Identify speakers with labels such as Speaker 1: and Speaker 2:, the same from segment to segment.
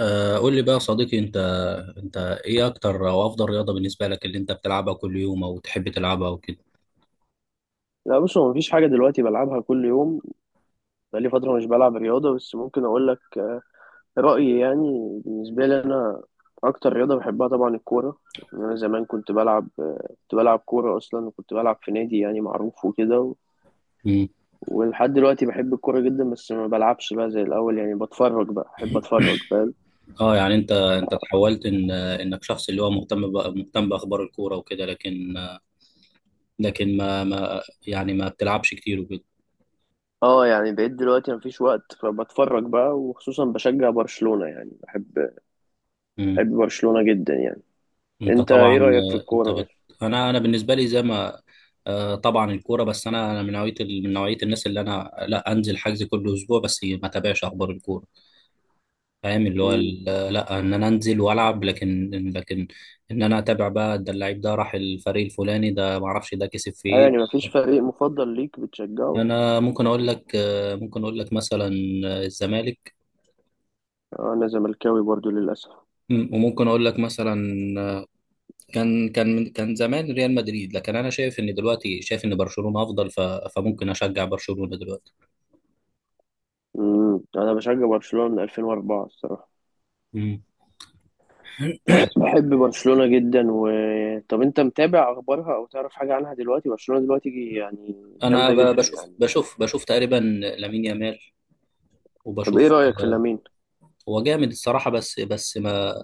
Speaker 1: آه، قول لي بقى يا صديقي انت. انت ايه اكتر او افضل رياضة بالنسبة لك اللي انت بتلعبها كل يوم او تحب تلعبها وكده.
Speaker 2: لا، بص، هو مفيش حاجة دلوقتي بلعبها كل يوم. بقالي فترة مش بلعب رياضة، بس ممكن أقول لك رأيي، يعني بالنسبة لي أنا. أكتر رياضة بحبها طبعا الكورة. أنا زمان كنت بلعب كورة أصلا، وكنت بلعب في نادي يعني معروف وكده.
Speaker 1: مم.
Speaker 2: ولحد دلوقتي بحب الكورة جدا، بس ما بلعبش بقى زي الأول، يعني بتفرج بقى، بحب أتفرج، فاهم؟
Speaker 1: اه يعني انت تحولت ان انك شخص اللي هو مهتم بقى مهتم باخبار الكورة وكده، لكن لكن ما يعني ما بتلعبش كتير وكده.
Speaker 2: اه، يعني بقيت دلوقتي مفيش وقت، فبتفرج بقى، وخصوصا بشجع برشلونة، يعني بحب
Speaker 1: مم.
Speaker 2: بحب برشلونة جدا يعني.
Speaker 1: انت
Speaker 2: أنت
Speaker 1: طبعا
Speaker 2: إيه رأيك في الكورة
Speaker 1: انا بالنسبة لي زي ما طبعا الكورة، بس انا من من نوعية الناس اللي انا لا انزل حجز كل اسبوع بس ما تابعش اخبار الكورة، فاهم
Speaker 2: أصلا؟
Speaker 1: لا، ان انا انزل والعب، لكن لكن ان انا اتابع بقى ده اللعيب ده راح الفريق الفلاني، ده ما اعرفش ده كسب في
Speaker 2: أيوة،
Speaker 1: ايه.
Speaker 2: يعني مفيش فريق مفضل ليك بتشجعه؟
Speaker 1: انا ممكن اقول لك، ممكن اقول لك مثلا الزمالك.
Speaker 2: آه، أنا زملكاوي برضو للأسف.
Speaker 1: وممكن اقول لك مثلا كان زمان ريال مدريد، لكن انا شايف ان دلوقتي شايف ان برشلونة افضل، فممكن اشجع برشلونة دلوقتي.
Speaker 2: مم. أنا بشجع برشلونة من 2004 الصراحة.
Speaker 1: مم.
Speaker 2: بحب برشلونة جدا و... طب أنت متابع أخبارها أو تعرف حاجة عنها دلوقتي؟ برشلونة دلوقتي يعني،
Speaker 1: انا
Speaker 2: جامدة
Speaker 1: ب-
Speaker 2: جدا
Speaker 1: بشوف
Speaker 2: يعني.
Speaker 1: بشوف بشوف تقريبا لامين يامال،
Speaker 2: طب إيه
Speaker 1: وبشوف.
Speaker 2: رأيك في لامين؟
Speaker 1: هو جامد الصراحة، بس بس ما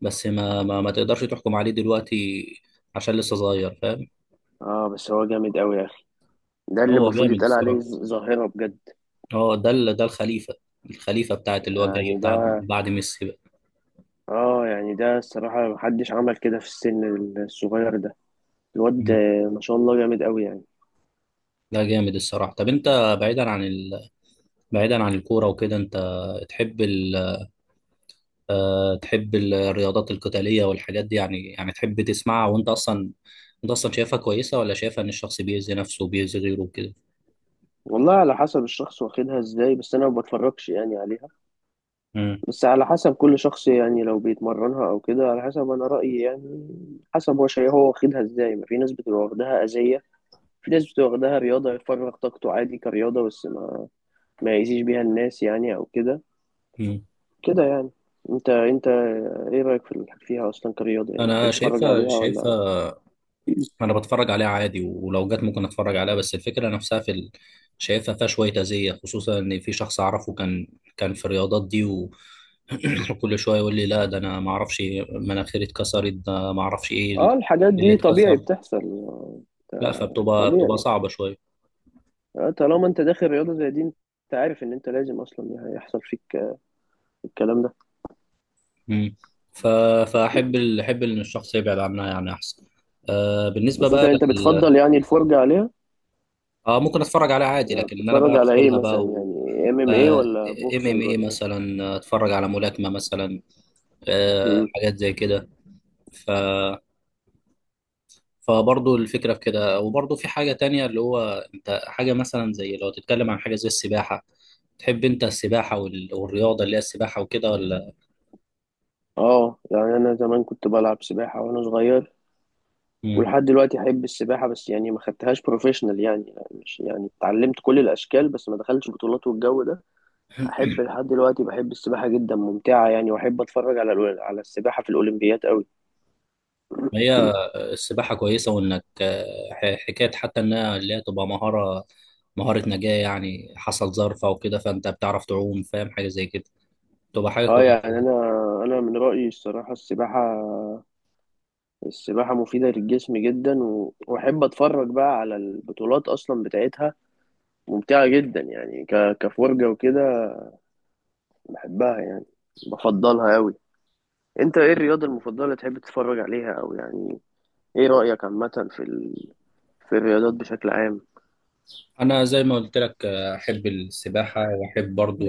Speaker 1: بس ما ما, ما تقدرش تحكم عليه دلوقتي عشان لسه صغير، فاهم.
Speaker 2: آه، بس هو جامد أوي يا أخي. ده اللي
Speaker 1: هو
Speaker 2: المفروض
Speaker 1: جامد
Speaker 2: يتقال عليه
Speaker 1: الصراحة.
Speaker 2: ظاهرة بجد.
Speaker 1: هو ده الخليفة، الخليفة بتاعت اللي هو جاي
Speaker 2: يعني
Speaker 1: بتاع
Speaker 2: ده...
Speaker 1: بعد ميسي بقى.
Speaker 2: آه، يعني ده الصراحة محدش عمل كده في السن الصغير ده، الواد.
Speaker 1: مم.
Speaker 2: ما شاء الله، جامد أوي يعني.
Speaker 1: ده جامد الصراحة. طب انت بعيدا عن الكورة وكده، انت تحب ال... تحب الرياضات القتالية والحاجات دي، يعني يعني تحب تسمعها وانت اصلا، انت اصلا شايفها كويسة، ولا شايفها ان الشخص بيأذي نفسه وبيأذي غيره وكده؟
Speaker 2: والله على حسب الشخص واخدها ازاي، بس انا ما بتفرجش يعني عليها.
Speaker 1: مم.
Speaker 2: بس على حسب كل شخص، يعني لو بيتمرنها او كده، على حسب، انا رأيي يعني. حسب هو شيء، هو واخدها ازاي، ما في ناس بتبقى واخدها أذية. في ناس بتبقى واخدها رياضة يفرغ طاقته عادي كرياضة، بس ما يأذيش بيها الناس يعني او كده.
Speaker 1: مم.
Speaker 2: كده يعني. انت ايه رأيك فيها اصلا كرياضة، يعني تحب
Speaker 1: انا
Speaker 2: تتفرج
Speaker 1: شايفها
Speaker 2: عليها ولا...
Speaker 1: شايفها انا بتفرج عليها عادي ولو جت ممكن اتفرج عليها، بس الفكره نفسها شايفها فيها شويه اذيه، خصوصا ان في شخص اعرفه كان، كان في الرياضات دي وكل شويه يقول لي لا ده انا ما اعرفش مناخيري اتكسرت ده ما اعرفش ايه
Speaker 2: اه، الحاجات
Speaker 1: إيه اللي
Speaker 2: دي طبيعي
Speaker 1: اتكسر.
Speaker 2: بتحصل.
Speaker 1: لا،
Speaker 2: آه،
Speaker 1: فبتبقى بتبقى
Speaker 2: طبيعي.
Speaker 1: صعبه شويه.
Speaker 2: طالما انت داخل رياضة زي دي، انت عارف ان انت لازم اصلا هيحصل فيك الكلام ده.
Speaker 1: مم. ف... احب ان الشخص يبعد عنها يعني احسن. آه بالنسبه
Speaker 2: بس انت
Speaker 1: بقى
Speaker 2: انت
Speaker 1: لل...
Speaker 2: بتفضل يعني الفرجة عليها.
Speaker 1: اه ممكن اتفرج عليها عادي،
Speaker 2: يعني
Speaker 1: لكن إن انا بقى
Speaker 2: بتتفرج على ايه
Speaker 1: ادخلها
Speaker 2: مثلا،
Speaker 1: بقى.
Speaker 2: يعني ام ام ايه
Speaker 1: آه،
Speaker 2: ولا
Speaker 1: إيه، ام ام
Speaker 2: بوكسنج
Speaker 1: اي
Speaker 2: ولا ايه؟
Speaker 1: مثلا، اتفرج على ملاكمه مثلا،
Speaker 2: مم.
Speaker 1: حاجات زي كده. ف فبرضه الفكرة في كده. وبرضه في حاجة تانية اللي هو انت حاجة مثلا زي لو تتكلم عن حاجة زي السباحة، تحب انت والرياضة اللي هي السباحة وكده ولا؟
Speaker 2: اه، يعني انا زمان كنت بلعب سباحة وانا صغير.
Speaker 1: مم.
Speaker 2: ولحد دلوقتي احب السباحة، بس يعني ما خدتهاش بروفيشنال، يعني مش يعني اتعلمت كل الاشكال، بس ما دخلتش بطولات والجو ده. احب لحد دلوقتي، بحب السباحة جدا، ممتعة يعني، واحب اتفرج على السباحة في الاولمبيات قوي.
Speaker 1: هي السباحة كويسة، وانك حكاية حتى انها اللي هي تبقى مهارة، مهارة نجاة يعني، حصل ظرف او كده فانت بتعرف تعوم، فاهم، حاجة زي كده تبقى حاجة
Speaker 2: اه، يعني
Speaker 1: كويسة.
Speaker 2: انا من رايي الصراحه السباحه. السباحه مفيده للجسم جدا، واحب اتفرج بقى على البطولات اصلا بتاعتها. ممتعه جدا يعني، كفرجه وكده. بحبها يعني. بفضلها قوي. انت ايه الرياضه المفضله اللي تحب تتفرج عليها، او يعني ايه رايك عامه في الرياضات بشكل عام؟
Speaker 1: انا زي ما قلت لك، احب السباحة، واحب برضه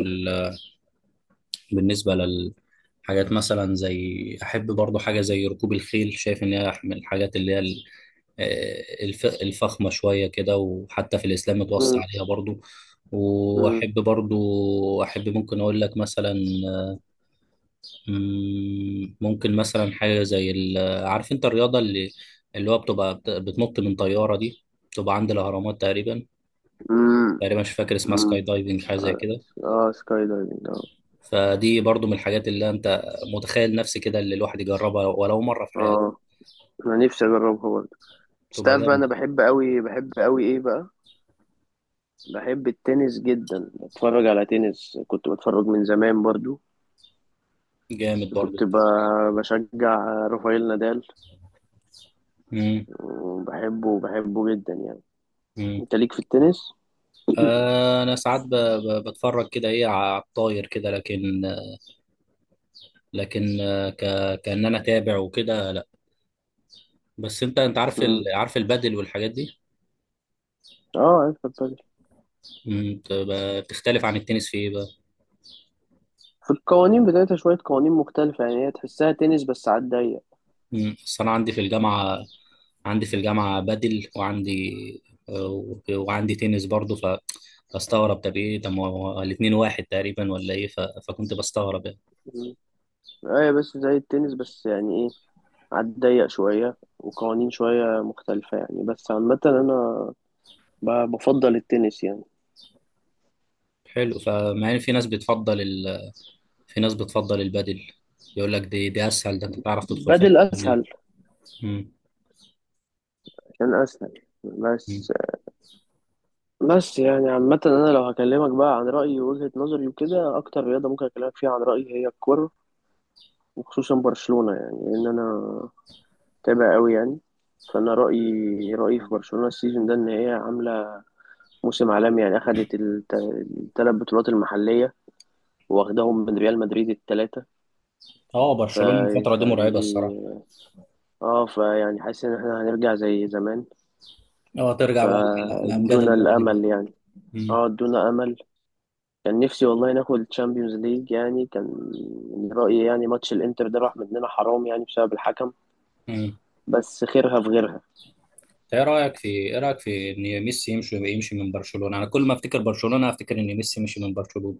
Speaker 1: بالنسبة للحاجات مثلا زي أحب برضو حاجة زي ركوب الخيل، شايف إن هي من الحاجات اللي هي الفخمة شوية كده، وحتى في الإسلام متوصى
Speaker 2: مم.
Speaker 1: عليها برضو.
Speaker 2: مم.
Speaker 1: وأحب برضو، أحب ممكن أقول لك مثلا ممكن مثلا حاجة زي. عارف أنت الرياضة اللي اللي هو بتبقى بتنط من طيارة دي، بتبقى عند الأهرامات تقريبا،
Speaker 2: مم.
Speaker 1: تقريبا مش فاكر اسمها، سكاي
Speaker 2: مم.
Speaker 1: دايفنج حاجة زي كده.
Speaker 2: اه، سكاي دايفنج، اه.
Speaker 1: فدي برضو من الحاجات اللي انت متخيل نفسي كده اللي الواحد يجربها ولو مرة في حياته،
Speaker 2: اه، انا نفسي اجربها برضه. بس
Speaker 1: تبقى
Speaker 2: تعرف بقى، انا
Speaker 1: جامدة.
Speaker 2: بحب قوي، بحب قوي ايه بقى، بحب التنس جدا، بتفرج على تنس، كنت بتفرج من زمان برضو.
Speaker 1: جامد برضو.
Speaker 2: كنت بشجع رافائيل نادال.
Speaker 1: مم.
Speaker 2: وبحبه جدا يعني.
Speaker 1: مم.
Speaker 2: انت ليك في التنس؟
Speaker 1: انا ساعات بتفرج كده ايه على الطاير كده، لكن لكن كأن انا تابع وكده لا. بس انت انت عارف
Speaker 2: مم.
Speaker 1: عارف البادل والحاجات دي.
Speaker 2: اه، عارف البادل.
Speaker 1: مم. بتختلف عن التنس في ايه بقى؟
Speaker 2: في القوانين بتاعتها شوية قوانين مختلفة، يعني هي تحسها تنس بس على الضيق.
Speaker 1: مم. بس انا عندي في الجامعة، عندي في الجامعة بدل وعندي، وعندي تنس برضه، فاستغرب طب ايه، طب ما هو الاتنين واحد تقريبا ولا ايه، فكنت بستغرب يعني.
Speaker 2: مم. ايوه، بس زي التنس بس، يعني ايه، على الضيق شوية وقوانين شوية مختلفة يعني، بس عامة أنا بفضل التنس يعني.
Speaker 1: حلو، فمع ان في ناس في ناس بتفضل البدل، يقول لك دي اسهل، ده انت تعرف تدخل فيها
Speaker 2: بدل
Speaker 1: يعني.
Speaker 2: أسهل.
Speaker 1: مم.
Speaker 2: عشان أسهل
Speaker 1: مم.
Speaker 2: بس. بس يعني عامة أنا لو هكلمك بقى عن رأيي ووجهة نظري وكده، أكتر رياضة ممكن أكلمك فيها عن رأيي هي الكورة. وخصوصا برشلونة، يعني لأن أنا متابع أوي يعني. فأنا رأيي في برشلونة السيزون ده إن هي عاملة موسم عالمي، يعني أخدت التلات بطولات المحلية، واخداهم من ريال مدريد التلاتة.
Speaker 1: اه
Speaker 2: ف...
Speaker 1: برشلونة الفترة دي مرعبة
Speaker 2: فدي...
Speaker 1: الصراحة.
Speaker 2: اه، فيعني حاسس إن احنا هنرجع زي زمان.
Speaker 1: اه ترجع بقى لأمجاد
Speaker 2: فادونا
Speaker 1: الماضي بقى.
Speaker 2: الأمل يعني.
Speaker 1: مم.
Speaker 2: اه، ادونا أمل. كان نفسي والله ناخد الشامبيونز ليج، يعني كان. من رأيي يعني، ماتش الانتر ده راح مننا، حرام، يعني بسبب الحكم.
Speaker 1: مم.
Speaker 2: بس خيرها في غيرها.
Speaker 1: إنت ايه رايك في ايه رايك في ان ميسي يمشي من برشلونة؟ انا كل ما افتكر برشلونة افتكر ان ميسي مشي من برشلونة.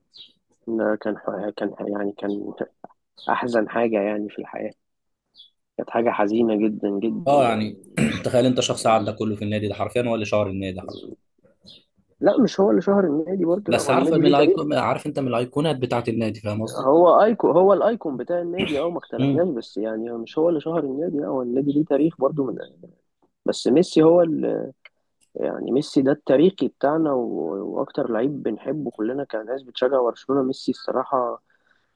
Speaker 2: إن كان يعني، كان احزن حاجة يعني في الحياة. كانت حاجة حزينة جدا جدا
Speaker 1: اه يعني
Speaker 2: يعني.
Speaker 1: تخيل انت شخص عدى كله في النادي ده، حرفيا هو اللي شهر النادي حرفيا.
Speaker 2: لا، مش هو اللي شهر النادي برضه، لا،
Speaker 1: بس
Speaker 2: هو
Speaker 1: عارف
Speaker 2: النادي
Speaker 1: من
Speaker 2: ليه تاريخ.
Speaker 1: الايكون، عارف انت من الايقونات بتاعت النادي، فاهم قصدي؟
Speaker 2: هو ايكون، هو الايكون بتاع النادي، اه، ما اختلفناش،
Speaker 1: امم.
Speaker 2: بس يعني مش هو اللي شهر النادي، لا، هو النادي ليه تاريخ برضه من... بس ميسي هو اللي... يعني ميسي ده التاريخي بتاعنا، واكتر لعيب بنحبه كلنا كناس بتشجع برشلونة ميسي الصراحة.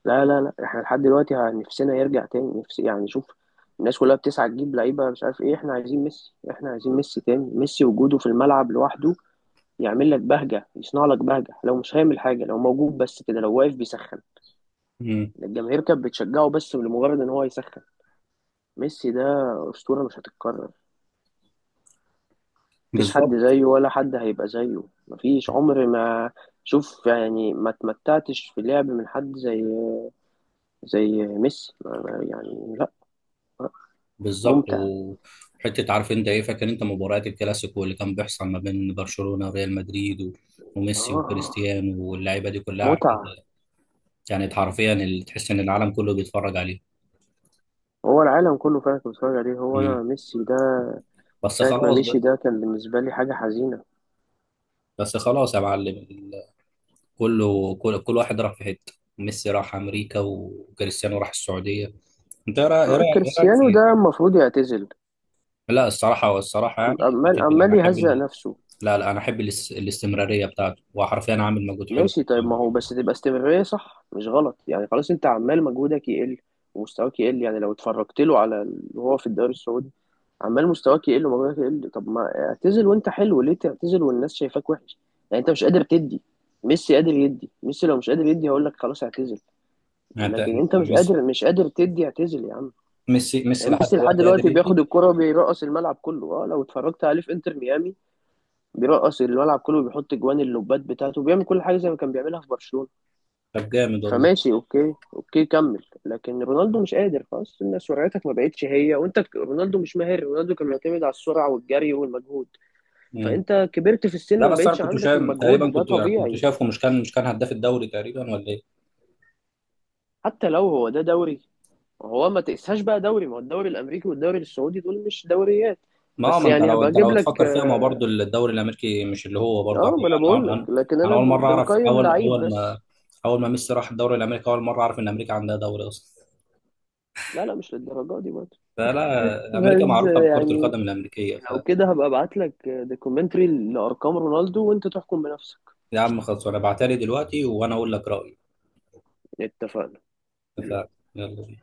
Speaker 2: لا، لا، لا، احنا لحد دلوقتي نفسنا يرجع تاني، نفسي يعني، شوف. الناس كلها بتسعى تجيب لعيبة مش عارف ايه، احنا عايزين ميسي، احنا عايزين ميسي تاني، ميسي وجوده في الملعب لوحده. يعمل لك بهجة، يصنع لك بهجة، لو مش هيعمل حاجة، لو موجود بس كده، لو واقف بيسخن.
Speaker 1: امم.
Speaker 2: الجماهير كانت بتشجعه بس لمجرد ان هو يسخن. ميسي ده أسطورة مش هتتكرر. مفيش حد
Speaker 1: بالظبط.
Speaker 2: زيه، ولا حد هيبقى زيه، مفيش عمر ما... شوف يعني، ما تمتعتش في اللعب من حد زي ميسي، يعني لا. لا.
Speaker 1: بالظبط.
Speaker 2: ممتع.
Speaker 1: وحته عارف انت ايه، فاكر انت مباريات الكلاسيكو اللي كان بيحصل ما بين برشلونه وريال مدريد
Speaker 2: اه،
Speaker 1: وميسي
Speaker 2: آه،
Speaker 1: وكريستيانو واللعيبه دي كلها، عارف
Speaker 2: متعة.
Speaker 1: انت، كانت حرفيا اللي تحس ان العالم كله بيتفرج عليه.
Speaker 2: هو العالم كله فعلا كان بيتفرج عليه، هو
Speaker 1: امم.
Speaker 2: انا ميسي ده...
Speaker 1: بس
Speaker 2: ساعة ما
Speaker 1: خلاص بقى.
Speaker 2: مشي ده كان بالنسبة لي حاجة حزينة.
Speaker 1: بس خلاص يا معلم كله كل واحد راح في حته، ميسي راح امريكا وكريستيانو راح السعوديه. انت ايه رأ- إيه رأ- إيه رايك
Speaker 2: كريستيانو
Speaker 1: في،
Speaker 2: ده المفروض يعتزل.
Speaker 1: لا الصراحه والصراحه
Speaker 2: عم-
Speaker 1: يعني
Speaker 2: عمال
Speaker 1: بتفرق. انا
Speaker 2: عمال يهزق نفسه.
Speaker 1: لا لا انا الاستمراريه بتاعته، هو حرفيا عامل مجهود حلو.
Speaker 2: ماشي، طيب، ما هو بس تبقى استمرارية صح مش غلط، يعني خلاص انت عمال مجهودك يقل ومستواك يقل، يعني لو اتفرجت له وهو في الدوري السعودي. عمال مستواك يقل ومجهودك يقل، طب ما اعتزل وانت حلو، ليه تعتزل والناس شايفاك وحش؟ يعني انت مش قادر تدي. ميسي قادر يدي، ميسي لو مش قادر يدي هقول لك خلاص اعتزل.
Speaker 1: يعني انت
Speaker 2: لكن
Speaker 1: أنت
Speaker 2: انت مش
Speaker 1: ميسي،
Speaker 2: قادر، مش قادر تدي، اعتزل يا عم.
Speaker 1: ميسي ميسي
Speaker 2: يعني
Speaker 1: لحد
Speaker 2: ميسي لحد
Speaker 1: دلوقتي قادر
Speaker 2: دلوقتي
Speaker 1: يدي.
Speaker 2: بياخد الكرة وبيرقص الملعب كله، اه لو اتفرجت عليه في انتر ميامي، بيرقص الملعب كله، وبيحط جوان اللوبات بتاعته، وبيعمل كل حاجة زي ما كان بيعملها في برشلونة.
Speaker 1: طب جامد والله.
Speaker 2: فماشي، اوكي، اوكي، كمل، لكن رونالدو مش قادر خلاص، ان سرعتك ما بقتش هي، وانت رونالدو مش ماهر، رونالدو كان معتمد على السرعه والجري والمجهود.
Speaker 1: مم.
Speaker 2: فانت كبرت في السن،
Speaker 1: لا
Speaker 2: ما
Speaker 1: بس انا
Speaker 2: بقتش
Speaker 1: كنت
Speaker 2: عندك
Speaker 1: شايف تقريبا،
Speaker 2: المجهود، ده
Speaker 1: كنت كنت
Speaker 2: طبيعي.
Speaker 1: شايفه مش كان مش كان هداف الدوري تقريبا ولا ايه؟
Speaker 2: حتى لو هو ده دوري، هو ما تقساش بقى دوري، ما هو الدوري الامريكي والدوري السعودي دول مش دوريات.
Speaker 1: ما هو،
Speaker 2: بس
Speaker 1: ما انت
Speaker 2: يعني
Speaker 1: لو
Speaker 2: هبقى
Speaker 1: انت
Speaker 2: اجيب
Speaker 1: لو
Speaker 2: لك،
Speaker 1: تفكر فيها ما هو برضه
Speaker 2: اه.
Speaker 1: الدوري الامريكي مش اللي هو برضه انا،
Speaker 2: آه، ما انا بقول
Speaker 1: انا انا
Speaker 2: لك، لكن
Speaker 1: أنا
Speaker 2: انا
Speaker 1: اول مره اعرف
Speaker 2: بنقيم
Speaker 1: اول
Speaker 2: لعيب
Speaker 1: اول ما
Speaker 2: بس.
Speaker 1: اول ما ميسي راح الدوري الامريكي، اول مره اعرف ان امريكا عندها دوري اصلا.
Speaker 2: لا، لا، مش للدرجه دي برضه.
Speaker 1: فلا، امريكا
Speaker 2: بس
Speaker 1: معروفه بكره
Speaker 2: يعني،
Speaker 1: القدم الامريكيه
Speaker 2: لو
Speaker 1: فيا
Speaker 2: كده هبقى ابعت لك دوكيومنتري لارقام رونالدو وانت تحكم بنفسك.
Speaker 1: عم. خلاص وانا بعتلي دلوقتي وانا اقول لك رايي.
Speaker 2: اتفقنا.
Speaker 1: اتفقنا. يلا.